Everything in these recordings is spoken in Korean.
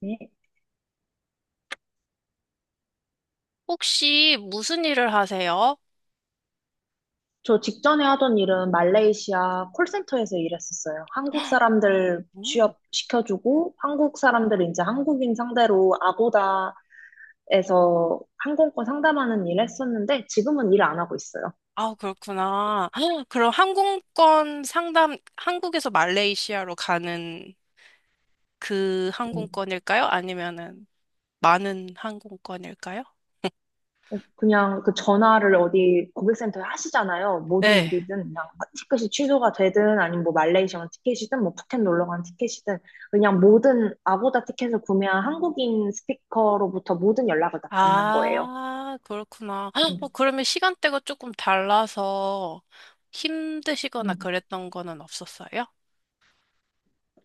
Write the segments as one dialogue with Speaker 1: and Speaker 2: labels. Speaker 1: 네.
Speaker 2: 혹시 무슨 일을 하세요?
Speaker 1: 저 직전에 하던 일은 말레이시아 콜센터에서 일했었어요. 한국 사람들
Speaker 2: 음.
Speaker 1: 취업시켜주고, 한국 사람들 이제 한국인 상대로 아고다에서 항공권 상담하는 일 했었는데, 지금은 일 안 하고 있어요.
Speaker 2: 아, 그렇구나. 그럼 항공권 상담, 한국에서 말레이시아로 가는 그
Speaker 1: 음.
Speaker 2: 항공권일까요? 아니면은 많은 항공권일까요?
Speaker 1: 그냥 그 전화를 어디 고객센터에 하시잖아요. 모든
Speaker 2: 네.
Speaker 1: 일이든, 그냥 티켓이 취소가 되든, 아니면 뭐 말레이시아 티켓이든, 뭐 푸켓 놀러 간 티켓이든, 그냥 모든 아고다 티켓을 구매한 한국인 스피커로부터 모든 연락을 다 받는 거예요.
Speaker 2: 아, 그렇구나. 어,
Speaker 1: 음.
Speaker 2: 그러면 시간대가 조금 달라서 힘드시거나
Speaker 1: 음,
Speaker 2: 그랬던 거는 없었어요?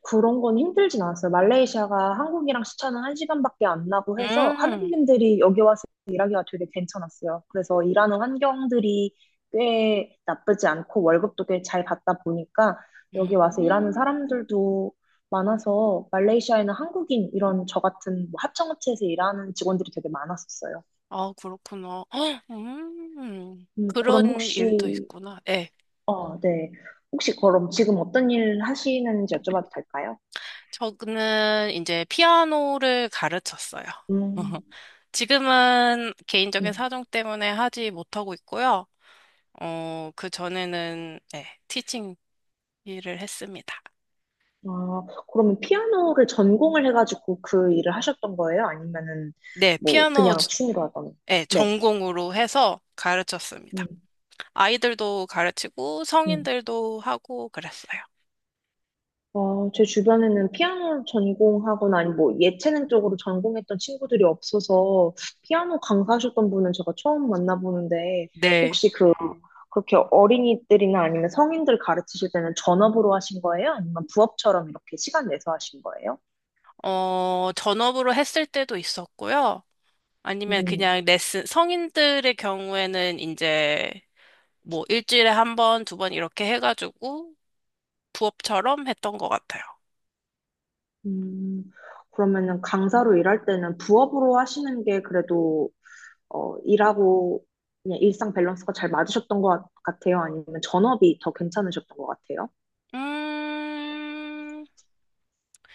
Speaker 1: 그런 건 힘들진 않았어요. 말레이시아가 한국이랑 시차는 한시간밖에안 나고 해서
Speaker 2: 음,
Speaker 1: 한국인들이 여기 와서 일하기가 되게 괜찮았어요. 그래서 일하는 환경들이 꽤 나쁘지 않고 월급도 꽤 잘 받다 보니까 여기 와서 일하는
Speaker 2: 음,
Speaker 1: 사람들도 많아서 말레이시아에는 한국인 이런 저 같은 뭐 하청업체에서 일하는 직원들이 되게 많았었어요.
Speaker 2: 아, 그렇구나.
Speaker 1: 그럼
Speaker 2: 그런 일도
Speaker 1: 혹시,
Speaker 2: 있구나. 예.
Speaker 1: 네. 혹시 그럼 지금 어떤 일 하시는지 여쭤봐도 될까요?
Speaker 2: 저는 이제 피아노를 가르쳤어요.
Speaker 1: 음,
Speaker 2: 지금은 개인적인
Speaker 1: 음.
Speaker 2: 사정 때문에 하지 못하고 있고요. 그 전에는 네, 티칭 일을 했습니다.
Speaker 1: 아, 그러면 피아노를 전공을 해가지고 그 일을 하셨던 거예요? 아니면은
Speaker 2: 네,
Speaker 1: 뭐
Speaker 2: 피아노
Speaker 1: 그냥
Speaker 2: 주-
Speaker 1: 취미로 하던?
Speaker 2: 네,
Speaker 1: 네.
Speaker 2: 전공으로 해서 가르쳤습니다.
Speaker 1: 음,
Speaker 2: 아이들도 가르치고
Speaker 1: 음.
Speaker 2: 성인들도 하고 그랬어요.
Speaker 1: 제 주변에는 피아노 전공하거나 아니 뭐 예체능 쪽으로 전공했던 친구들이 없어서 피아노 강사하셨던 분은 제가 처음 만나보는데
Speaker 2: 네.
Speaker 1: 혹시 그렇게 어린이들이나 아니면 성인들 가르치실 때는 전업으로 하신 거예요? 아니면 부업처럼 이렇게 시간 내서 하신 거예요?
Speaker 2: 전업으로 했을 때도 있었고요. 아니면
Speaker 1: 음.
Speaker 2: 그냥 레슨, 성인들의 경우에는 뭐 일주일에 한 번, 두 번 이렇게 해가지고 부업처럼 했던 것 같아요.
Speaker 1: 음, 그러면은 강사로 일할 때는 부업으로 하시는 게 그래도 일하고 그냥 일상 밸런스가 잘 맞으셨던 것 같아요? 아니면 전업이 더 괜찮으셨던 것 같아요?
Speaker 2: 음,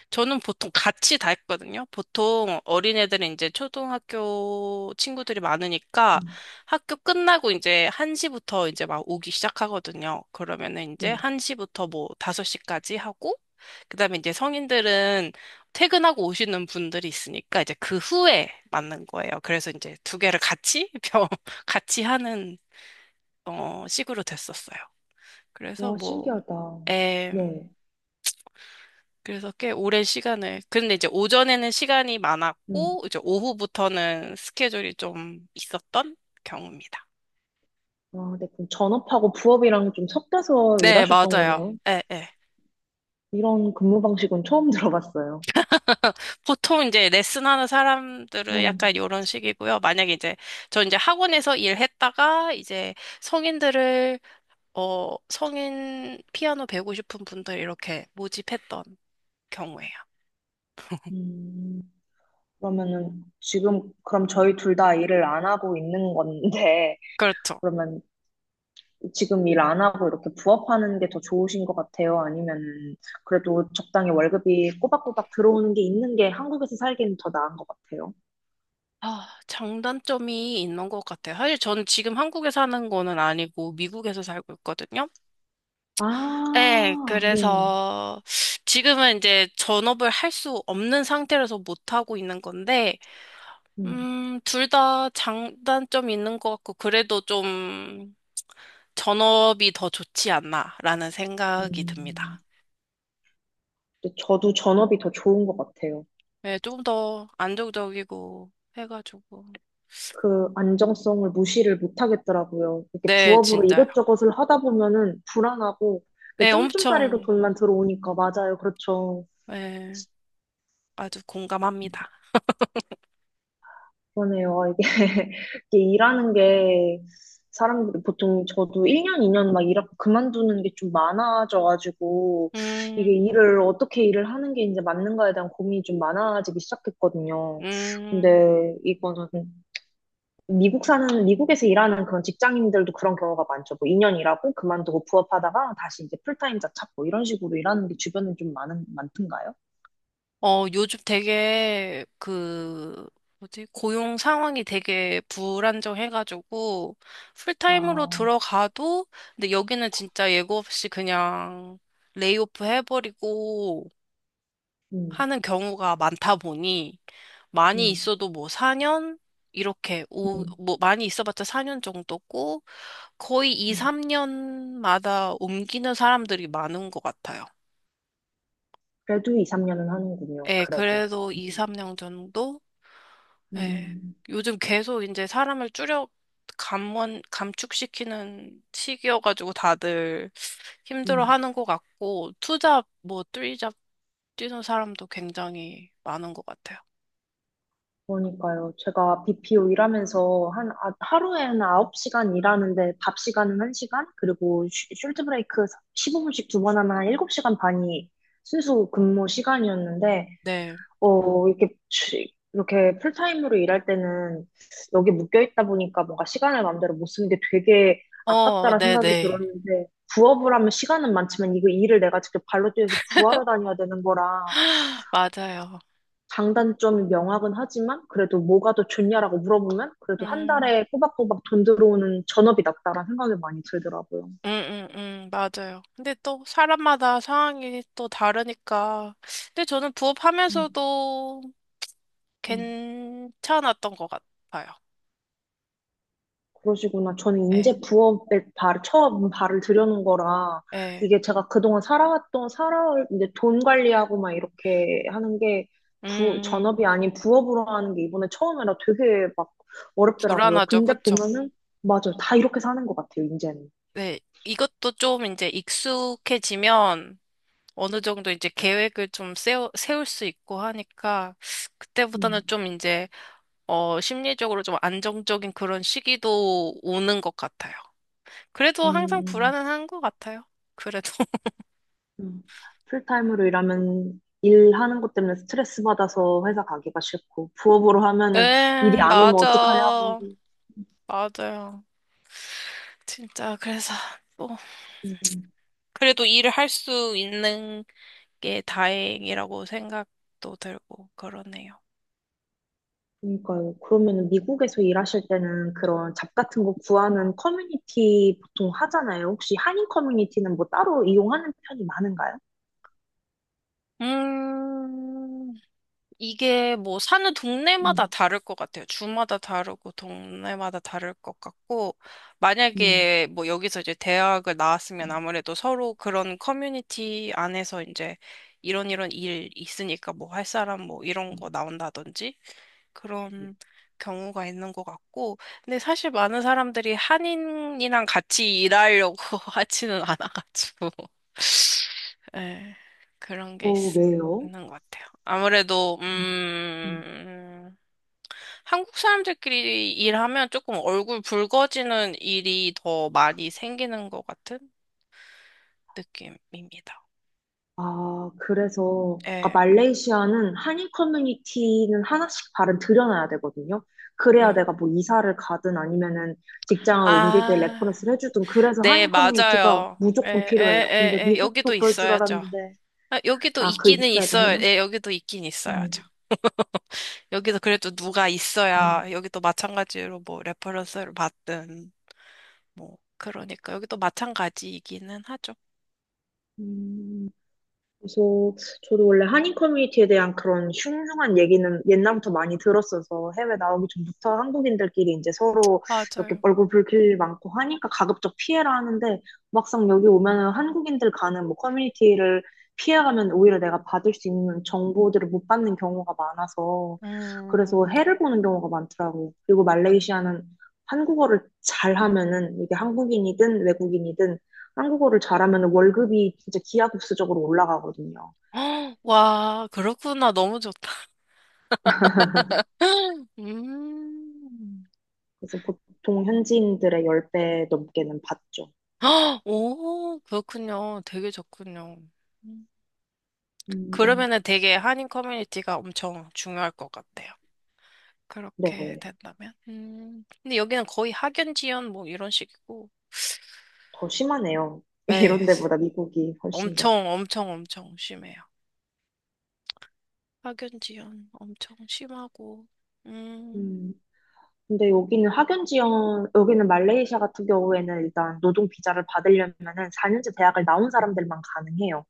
Speaker 2: 저는 보통 같이 다 했거든요. 보통 어린애들은 이제 초등학교 친구들이 많으니까
Speaker 1: 음,
Speaker 2: 학교 끝나고 이제 1시부터 막 오기 시작하거든요. 그러면은 이제
Speaker 1: 음.
Speaker 2: 1시부터 뭐 5시까지 하고, 그다음에 이제 성인들은 퇴근하고 오시는 분들이 있으니까 이제 그 후에 맞는 거예요. 그래서 이제 두 개를 같이, 병, 같이 하는, 식으로 됐었어요. 그래서
Speaker 1: 와,
Speaker 2: 뭐,
Speaker 1: 신기하다.
Speaker 2: 에,
Speaker 1: 네.
Speaker 2: 그래서 꽤 오랜 시간을. 근데 이제 오전에는 시간이
Speaker 1: 음.
Speaker 2: 많았고, 이제 오후부터는 스케줄이 좀 있었던 경우입니다.
Speaker 1: 아 네. 그럼 전업하고 부업이랑 좀 섞여서
Speaker 2: 네,
Speaker 1: 일하셨던
Speaker 2: 맞아요.
Speaker 1: 거네.
Speaker 2: 예, 예.
Speaker 1: 이런 근무 방식은 처음 들어봤어요.
Speaker 2: 보통 이제 레슨하는 사람들은 약간
Speaker 1: 음.
Speaker 2: 이런 식이고요. 만약에 이제, 저 이제 학원에서 일했다가 이제 성인들을, 성인 피아노 배우고 싶은 분들 이렇게 모집했던 경우예요.
Speaker 1: 음. 그러면은 지금 그럼 저희 둘 다 일을 안 하고 있는 건데
Speaker 2: 그렇죠.
Speaker 1: 그러면 지금 일 안 하고 이렇게 부업하는 게 더 좋으신 것 같아요? 아니면 그래도 적당히 월급이 꼬박꼬박 들어오는 게 있는 게 한국에서 살기는 더 나은 것 같아요?
Speaker 2: 아, 장단점이 있는 것 같아요. 사실 저는 지금 한국에 사는 거는 아니고 미국에서 살고 있거든요. 네,
Speaker 1: 아, 네.
Speaker 2: 그래서 지금은 이제 전업을 할 수 없는 상태라서 못 하고 있는 건데,
Speaker 1: 음,
Speaker 2: 둘 다 장단점이 있는 것 같고, 그래도 좀 전업이 더 좋지 않나라는 생각이
Speaker 1: 음.
Speaker 2: 듭니다.
Speaker 1: 근데 저도 전업이 더 좋은 것 같아요.
Speaker 2: 네, 조금 더 안정적이고 해가지고.
Speaker 1: 그 안정성을 무시를 못 하겠더라고요. 이렇게
Speaker 2: 네,
Speaker 1: 부업으로
Speaker 2: 진짜요.
Speaker 1: 이것저것을 하다 보면은 불안하고
Speaker 2: 네,
Speaker 1: 쫌쫌따리로
Speaker 2: 엄청,
Speaker 1: 돈만 들어오니까 맞아요. 그렇죠.
Speaker 2: 네, 아주 공감합니다.
Speaker 1: 그러네요. 아, 이게, 이게 일하는 게 사람들이 보통 저도 1년, 2년 막 일하고 그만두는 게 좀 많아져가지고 이게
Speaker 2: 음,
Speaker 1: 일을 어떻게 일을 하는 게 이제 맞는가에 대한 고민이 좀 많아지기 시작했거든요.
Speaker 2: 음.
Speaker 1: 근데 이거는 미국 사는, 미국에서 일하는 그런 직장인들도 그런 경우가 많죠. 뭐 2년 일하고 그만두고 부업하다가 다시 이제 풀타임자 찾고 이런 식으로 일하는 게 주변에 좀 많은, 많던가요?
Speaker 2: 요즘 되게 그 뭐지? 고용 상황이 되게 불안정해가지고 풀타임으로
Speaker 1: 아,
Speaker 2: 들어가도 근데 여기는 진짜 예고 없이 그냥 레이오프 해버리고
Speaker 1: 음,
Speaker 2: 하는 경우가 많다 보니 많이
Speaker 1: 음,
Speaker 2: 있어도 뭐 4년 이렇게 오,
Speaker 1: 음,
Speaker 2: 뭐 많이 있어봤자 4년 정도고 거의 2,
Speaker 1: 음.
Speaker 2: 3년마다 옮기는 사람들이 많은 것 같아요.
Speaker 1: 그래도 2, 3년은 하는군요.
Speaker 2: 예,
Speaker 1: 그래도.
Speaker 2: 그래도 2, 3년 정도? 예.
Speaker 1: 음,
Speaker 2: 요즘 계속 이제 사람을 줄여 감원, 감축시키는 시기여가지고 다들
Speaker 1: 음.
Speaker 2: 힘들어하는 것 같고 투잡 뭐 쓰리잡 뛰는 사람도 굉장히 많은 것 같아요.
Speaker 1: 그러니까요. 제가 BPO 일하면서 하루에 한 9시간 일하는데 밥 시간은 1시간, 그리고 숄트 브레이크 15분씩 두 번 하면 한 7시간 반이 순수 근무 시간이었는데,
Speaker 2: 네.
Speaker 1: 이렇게, 이렇게 풀타임으로 일할 때는 여기 묶여 있다 보니까 뭔가 시간을 마음대로 못 쓰는 게 되게 아깝다라는 생각이
Speaker 2: 네네.
Speaker 1: 들었는데, 부업을 하면 시간은 많지만 이거 일을 내가 직접 발로 뛰어서 구하러 다녀야 되는 거라
Speaker 2: 맞아요.
Speaker 1: 장단점이 명확은 하지만 그래도 뭐가 더 좋냐라고 물어보면 그래도 한
Speaker 2: 음,
Speaker 1: 달에 꼬박꼬박 돈 들어오는 전업이 낫다라는 생각이 많이 들더라고요.
Speaker 2: 맞아요. 근데 또 사람마다 상황이 또 다르니까. 근데 저는 부업하면서도
Speaker 1: 음,
Speaker 2: 괜찮았던 것 같아요.
Speaker 1: 그러시구나. 저는
Speaker 2: 예,
Speaker 1: 이제 부업에 발, 처음 발을 들여놓은 거라,
Speaker 2: 예.
Speaker 1: 이게 제가 그동안 살아왔던, 살아올, 이제 돈 관리하고 막 이렇게 하는 게,
Speaker 2: 음, 음.
Speaker 1: 전업이 아닌 부업으로 하는 게 이번에 처음이라 되게 막 어렵더라고요.
Speaker 2: 불안하죠.
Speaker 1: 근데
Speaker 2: 그쵸?
Speaker 1: 보면은, 맞아요. 다 이렇게 사는 것 같아요, 이제는.
Speaker 2: 네. 이것도 좀 이제 익숙해지면 어느 정도 이제 계획을 좀 세워, 세울 수 있고 하니까 그때보다는
Speaker 1: 음,
Speaker 2: 좀 이제, 심리적으로 좀 안정적인 그런 시기도 오는 것 같아요. 그래도 항상
Speaker 1: 음,
Speaker 2: 불안은 한 것 같아요. 그래도.
Speaker 1: 음. 풀타임으로 일하면, 일하는 것 때문에 스트레스 받아서 회사 가기가 싫고, 부업으로 하면은 일이
Speaker 2: 예,
Speaker 1: 안 오면 어떡하냐고.
Speaker 2: 맞아. 맞아요. 진짜, 그래서, 뭐,
Speaker 1: 음.
Speaker 2: 그래도 일을 할 수 있는 게 다행이라고 생각도 들고, 그러네요.
Speaker 1: 그러니까요. 그러면 미국에서 일하실 때는 그런 잡 같은 거 구하는 커뮤니티 보통 하잖아요. 혹시 한인 커뮤니티는 뭐 따로 이용하는 편이 많은가요?
Speaker 2: 음, 이게 뭐 사는 동네마다
Speaker 1: 음,
Speaker 2: 다를 것 같아요. 주마다 다르고 동네마다 다를 것 같고,
Speaker 1: 음.
Speaker 2: 만약에 뭐 여기서 이제 대학을 나왔으면 아무래도 서로 그런 커뮤니티 안에서 이제 이런 이런 일 있으니까 뭐 할 사람 뭐 이런 거 나온다든지
Speaker 1: 음,
Speaker 2: 그런 경우가 있는 것 같고, 근데 사실 많은 사람들이 한인이랑 같이 일하려고 하지는 않아가지고, 예, 그런 게 있,
Speaker 1: 어, 왜요?
Speaker 2: 있는 것 같아요. 아무래도,
Speaker 1: 음, 음.
Speaker 2: 한국 사람들끼리 일하면 조금 얼굴 붉어지는 일이 더 많이 생기는 것 같은 느낌입니다.
Speaker 1: 아, 그래서
Speaker 2: 예,
Speaker 1: 말레이시아는 한인 커뮤니티는 하나씩 발은 들여놔야 되거든요. 그래야
Speaker 2: 음.
Speaker 1: 내가 뭐 이사를 가든 아니면은 직장을 옮길 때
Speaker 2: 아,
Speaker 1: 레퍼런스를 해주든 그래서
Speaker 2: 네,
Speaker 1: 한인 커뮤니티가
Speaker 2: 맞아요.
Speaker 1: 무조건
Speaker 2: 예, 예,
Speaker 1: 필요해요. 근데
Speaker 2: 예, 예, 여기도
Speaker 1: 미국도 그럴 줄
Speaker 2: 있어야죠.
Speaker 1: 알았는데
Speaker 2: 아, 여기도
Speaker 1: 아, 그
Speaker 2: 있기는
Speaker 1: 있어야
Speaker 2: 있어요.
Speaker 1: 돼요?
Speaker 2: 예, 여기도 있긴 있어야죠. 여기도 그래도 누가 있어야
Speaker 1: 음.
Speaker 2: 여기도 마찬가지로 뭐 레퍼런스를 받든 뭐 그러니까 여기도 마찬가지이기는 하죠.
Speaker 1: 음, 그래서 저도 원래 한인 커뮤니티에 대한 그런 흉흉한 얘기는 옛날부터 많이 들었어서 해외 나오기 전부터 한국인들끼리 이제 서로 이렇게
Speaker 2: 맞아요.
Speaker 1: 얼굴 붉힐 일 많고 하니까 가급적 피해라 하는데 막상 여기 오면은 한국인들 가는 뭐 커뮤니티를 피해가면 오히려 내가 받을 수 있는 정보들을 못 받는 경우가 많아서 그래서 해를 보는 경우가 많더라고요. 그리고 말레이시아는 한국어를 잘하면은 이게 한국인이든 외국인이든 한국어를 잘하면 월급이 진짜 기하급수적으로 올라가거든요.
Speaker 2: 헉, 와, 그렇구나. 너무 좋다. 음.
Speaker 1: 그래서 보통 현지인들의 10배 넘게는 받죠.
Speaker 2: 헉, 오, 그렇군요. 되게 좋군요. 음.
Speaker 1: 음,
Speaker 2: 그러면은 되게 한인 커뮤니티가 엄청 중요할 것 같아요. 그렇게
Speaker 1: 네,
Speaker 2: 된다면. 음. 근데 여기는 거의 학연 지연 뭐 이런 식이고.
Speaker 1: 더 심하네요.
Speaker 2: 예,
Speaker 1: 이런 데보다 미국이 훨씬 더.
Speaker 2: 엄청, 엄청, 엄청 심해요. 학연지연 엄청 심하고, 음,
Speaker 1: 음, 근데 여기는 학연 지원, 여기는 말레이시아 같은 경우에는 일단 노동 비자를 받으려면은 4년제 대학을 나온 사람들만 가능해요.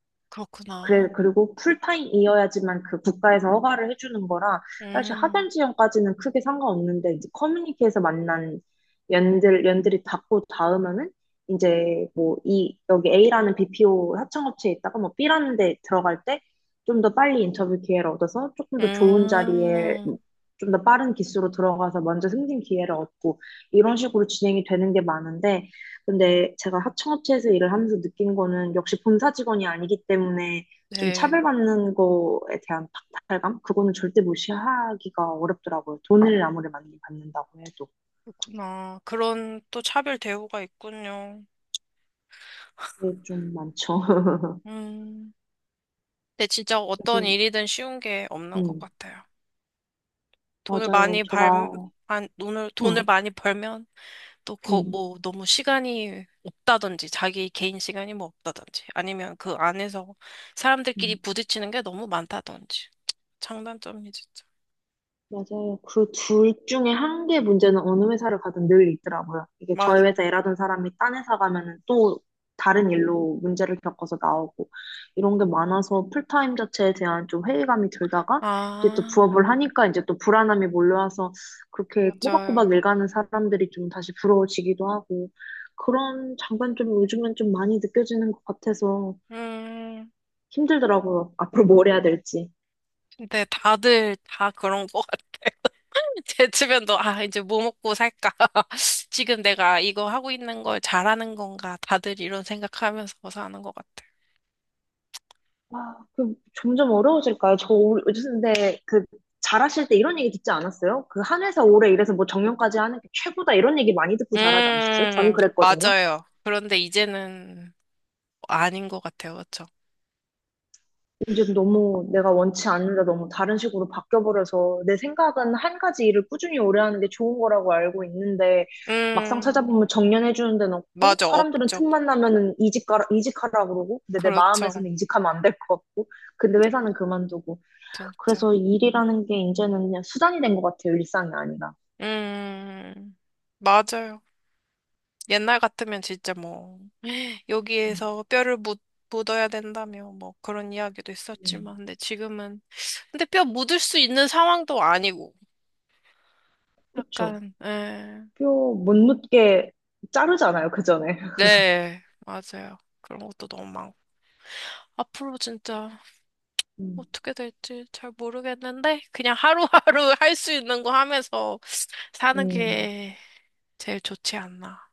Speaker 1: 그래,
Speaker 2: 그렇구나.
Speaker 1: 그리고 풀타임이어야지만 그 국가에서 허가를 해주는 거라 사실
Speaker 2: 음,
Speaker 1: 하던 지형까지는 크게 상관없는데 이제 커뮤니티에서 만난 연들이 닿고 닿으면은 이제 뭐 여기 A라는 BPO 하청업체에 있다가 뭐 B라는 데 들어갈 때 좀 더 빨리 인터뷰 기회를 얻어서 조금 더 좋은 자리에
Speaker 2: 음,
Speaker 1: 좀 더 빠른 기수로 들어가서 먼저 승진 기회를 얻고 이런 식으로 진행이 되는 게 많은데 근데 제가 하청업체에서 일을 하면서 느낀 거는 역시 본사 직원이 아니기 때문에 좀
Speaker 2: 네,
Speaker 1: 차별받는 거에 대한 박탈감? 그거는 절대 무시하기가 어렵더라고요. 돈을 아무리 많이 받는다고 해도.
Speaker 2: 그렇구나. 그런 또 차별 대우가 있군요.
Speaker 1: 그게 좀 많죠.
Speaker 2: 음, 근데 진짜 어떤
Speaker 1: 그래서,
Speaker 2: 일이든 쉬운 게 없는 것
Speaker 1: 음,
Speaker 2: 같아요. 돈을
Speaker 1: 맞아요.
Speaker 2: 많이
Speaker 1: 제가,
Speaker 2: 벌, 돈을, 돈을
Speaker 1: 음,
Speaker 2: 많이 벌면 또, 거,
Speaker 1: 음,
Speaker 2: 뭐, 너무 시간이 없다든지, 자기 개인 시간이 뭐 없다든지, 아니면 그 안에서 사람들끼리
Speaker 1: 음.
Speaker 2: 부딪히는 게 너무 많다든지. 장단점이 진짜.
Speaker 1: 맞아요. 그 둘 중에 한 개 문제는 어느 회사를 가든 늘 있더라고요. 이게 저희
Speaker 2: 맞아.
Speaker 1: 회사 일하던 사람이 딴 회사 가면은 또 다른 일로 문제를 겪어서 나오고 이런 게 많아서 풀타임 자체에 대한 좀 회의감이 들다가 이제 또
Speaker 2: 아,
Speaker 1: 부업을 하니까 이제 또 불안함이 몰려와서 그렇게 꼬박꼬박
Speaker 2: 맞아요.
Speaker 1: 일가는 사람들이 좀 다시 부러워지기도 하고 그런 장단점이 요즘엔 좀 많이 느껴지는 것 같아서
Speaker 2: 음,
Speaker 1: 힘들더라고요. 앞으로 뭘 해야 될지.
Speaker 2: 근데 다들 다 그런 것 같아. 제 주변도, 아, 이제 뭐 먹고 살까? 지금 내가 이거 하고 있는 걸 잘하는 건가? 다들 이런 생각하면서 사는 것 같아.
Speaker 1: 아, 그 점점 어려워질까요? 근데 그 잘하실 때 이런 얘기 듣지 않았어요? 그 한 회사 오래 일해서 뭐 정년까지 하는 게 최고다 이런 얘기 많이 듣고 잘하지 않으셨어요? 저는 그랬거든요.
Speaker 2: 맞아요. 그런데 이제는 아닌 것 같아요. 그렇죠?
Speaker 1: 이제 너무 내가 원치 않는데 너무 다른 식으로 바뀌어버려서 내 생각은 한 가지 일을 꾸준히 오래 하는 게 좋은 거라고 알고 있는데 막상
Speaker 2: 음,
Speaker 1: 찾아보면 정년해주는 데는 없고
Speaker 2: 맞아,
Speaker 1: 사람들은
Speaker 2: 업적.
Speaker 1: 틈만 나면은 이직가라, 이직하라 그러고 근데 내
Speaker 2: 그렇죠.
Speaker 1: 마음에서는 이직하면 안 될 것 같고 근데 회사는 그만두고
Speaker 2: 진짜.
Speaker 1: 그래서 일이라는 게 이제는 그냥 수단이 된 것 같아요. 일상이 아니라.
Speaker 2: 음, 맞아요. 옛날 같으면 진짜 뭐,
Speaker 1: 음,
Speaker 2: 여기에서 뼈를 묻, 묻어야 된다며, 뭐, 그런 이야기도
Speaker 1: 음.
Speaker 2: 있었지만, 근데 지금은, 근데 뼈 묻을 수 있는 상황도 아니고,
Speaker 1: 그쵸.
Speaker 2: 약간, 예.
Speaker 1: 뼈 못 묻게 자르잖아요. 그 전에.
Speaker 2: 네, 맞아요. 그런 것도 너무 많고. 앞으로 진짜
Speaker 1: 음,
Speaker 2: 어떻게 될지 잘 모르겠는데, 그냥 하루하루 할 수 있는 거 하면서 사는
Speaker 1: 음,
Speaker 2: 게 제일 좋지 않나.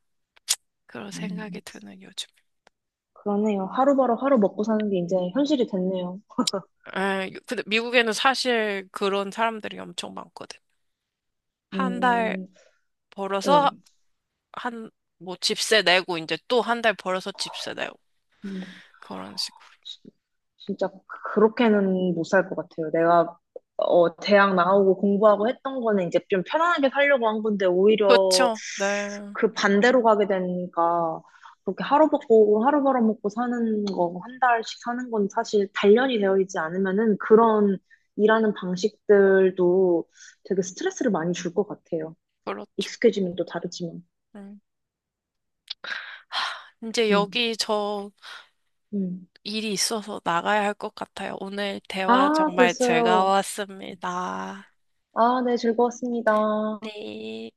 Speaker 2: 그런 생각이
Speaker 1: 음.
Speaker 2: 드는 요즘.
Speaker 1: 그러네요. 하루바로 하루 먹고 사는 게 이제 현실이 됐네요.
Speaker 2: 에, 근데 미국에는 사실 그런 사람들이 엄청 많거든. 한 달
Speaker 1: 음,
Speaker 2: 벌어서
Speaker 1: 네.
Speaker 2: 한, 뭐 집세 내고 이제 또 한 달 벌어서 집세 내고
Speaker 1: 음.
Speaker 2: 그런 식으로.
Speaker 1: 시- 진짜 그렇게는 못 살 것 같아요. 내가 대학 나오고 공부하고 했던 거는 이제 좀 편안하게 살려고 한 건데 오히려
Speaker 2: 그렇죠. 네.
Speaker 1: 그 반대로 가게 되니까 그렇게 하루 먹고 하루 벌어먹고 사는 거 한 달씩 사는 건 사실 단련이 되어 있지 않으면은 그런 일하는 방식들도 되게 스트레스를 많이 줄 것 같아요.
Speaker 2: 그렇죠.
Speaker 1: 익숙해지면 또 다르지만.
Speaker 2: 음. 하, 이제
Speaker 1: 음,
Speaker 2: 여기 저
Speaker 1: 음.
Speaker 2: 일이 있어서 나가야 할 것 같아요. 오늘 대화
Speaker 1: 아,
Speaker 2: 정말
Speaker 1: 벌써요.
Speaker 2: 즐거웠습니다.
Speaker 1: 아, 네, 즐거웠습니다.
Speaker 2: 네.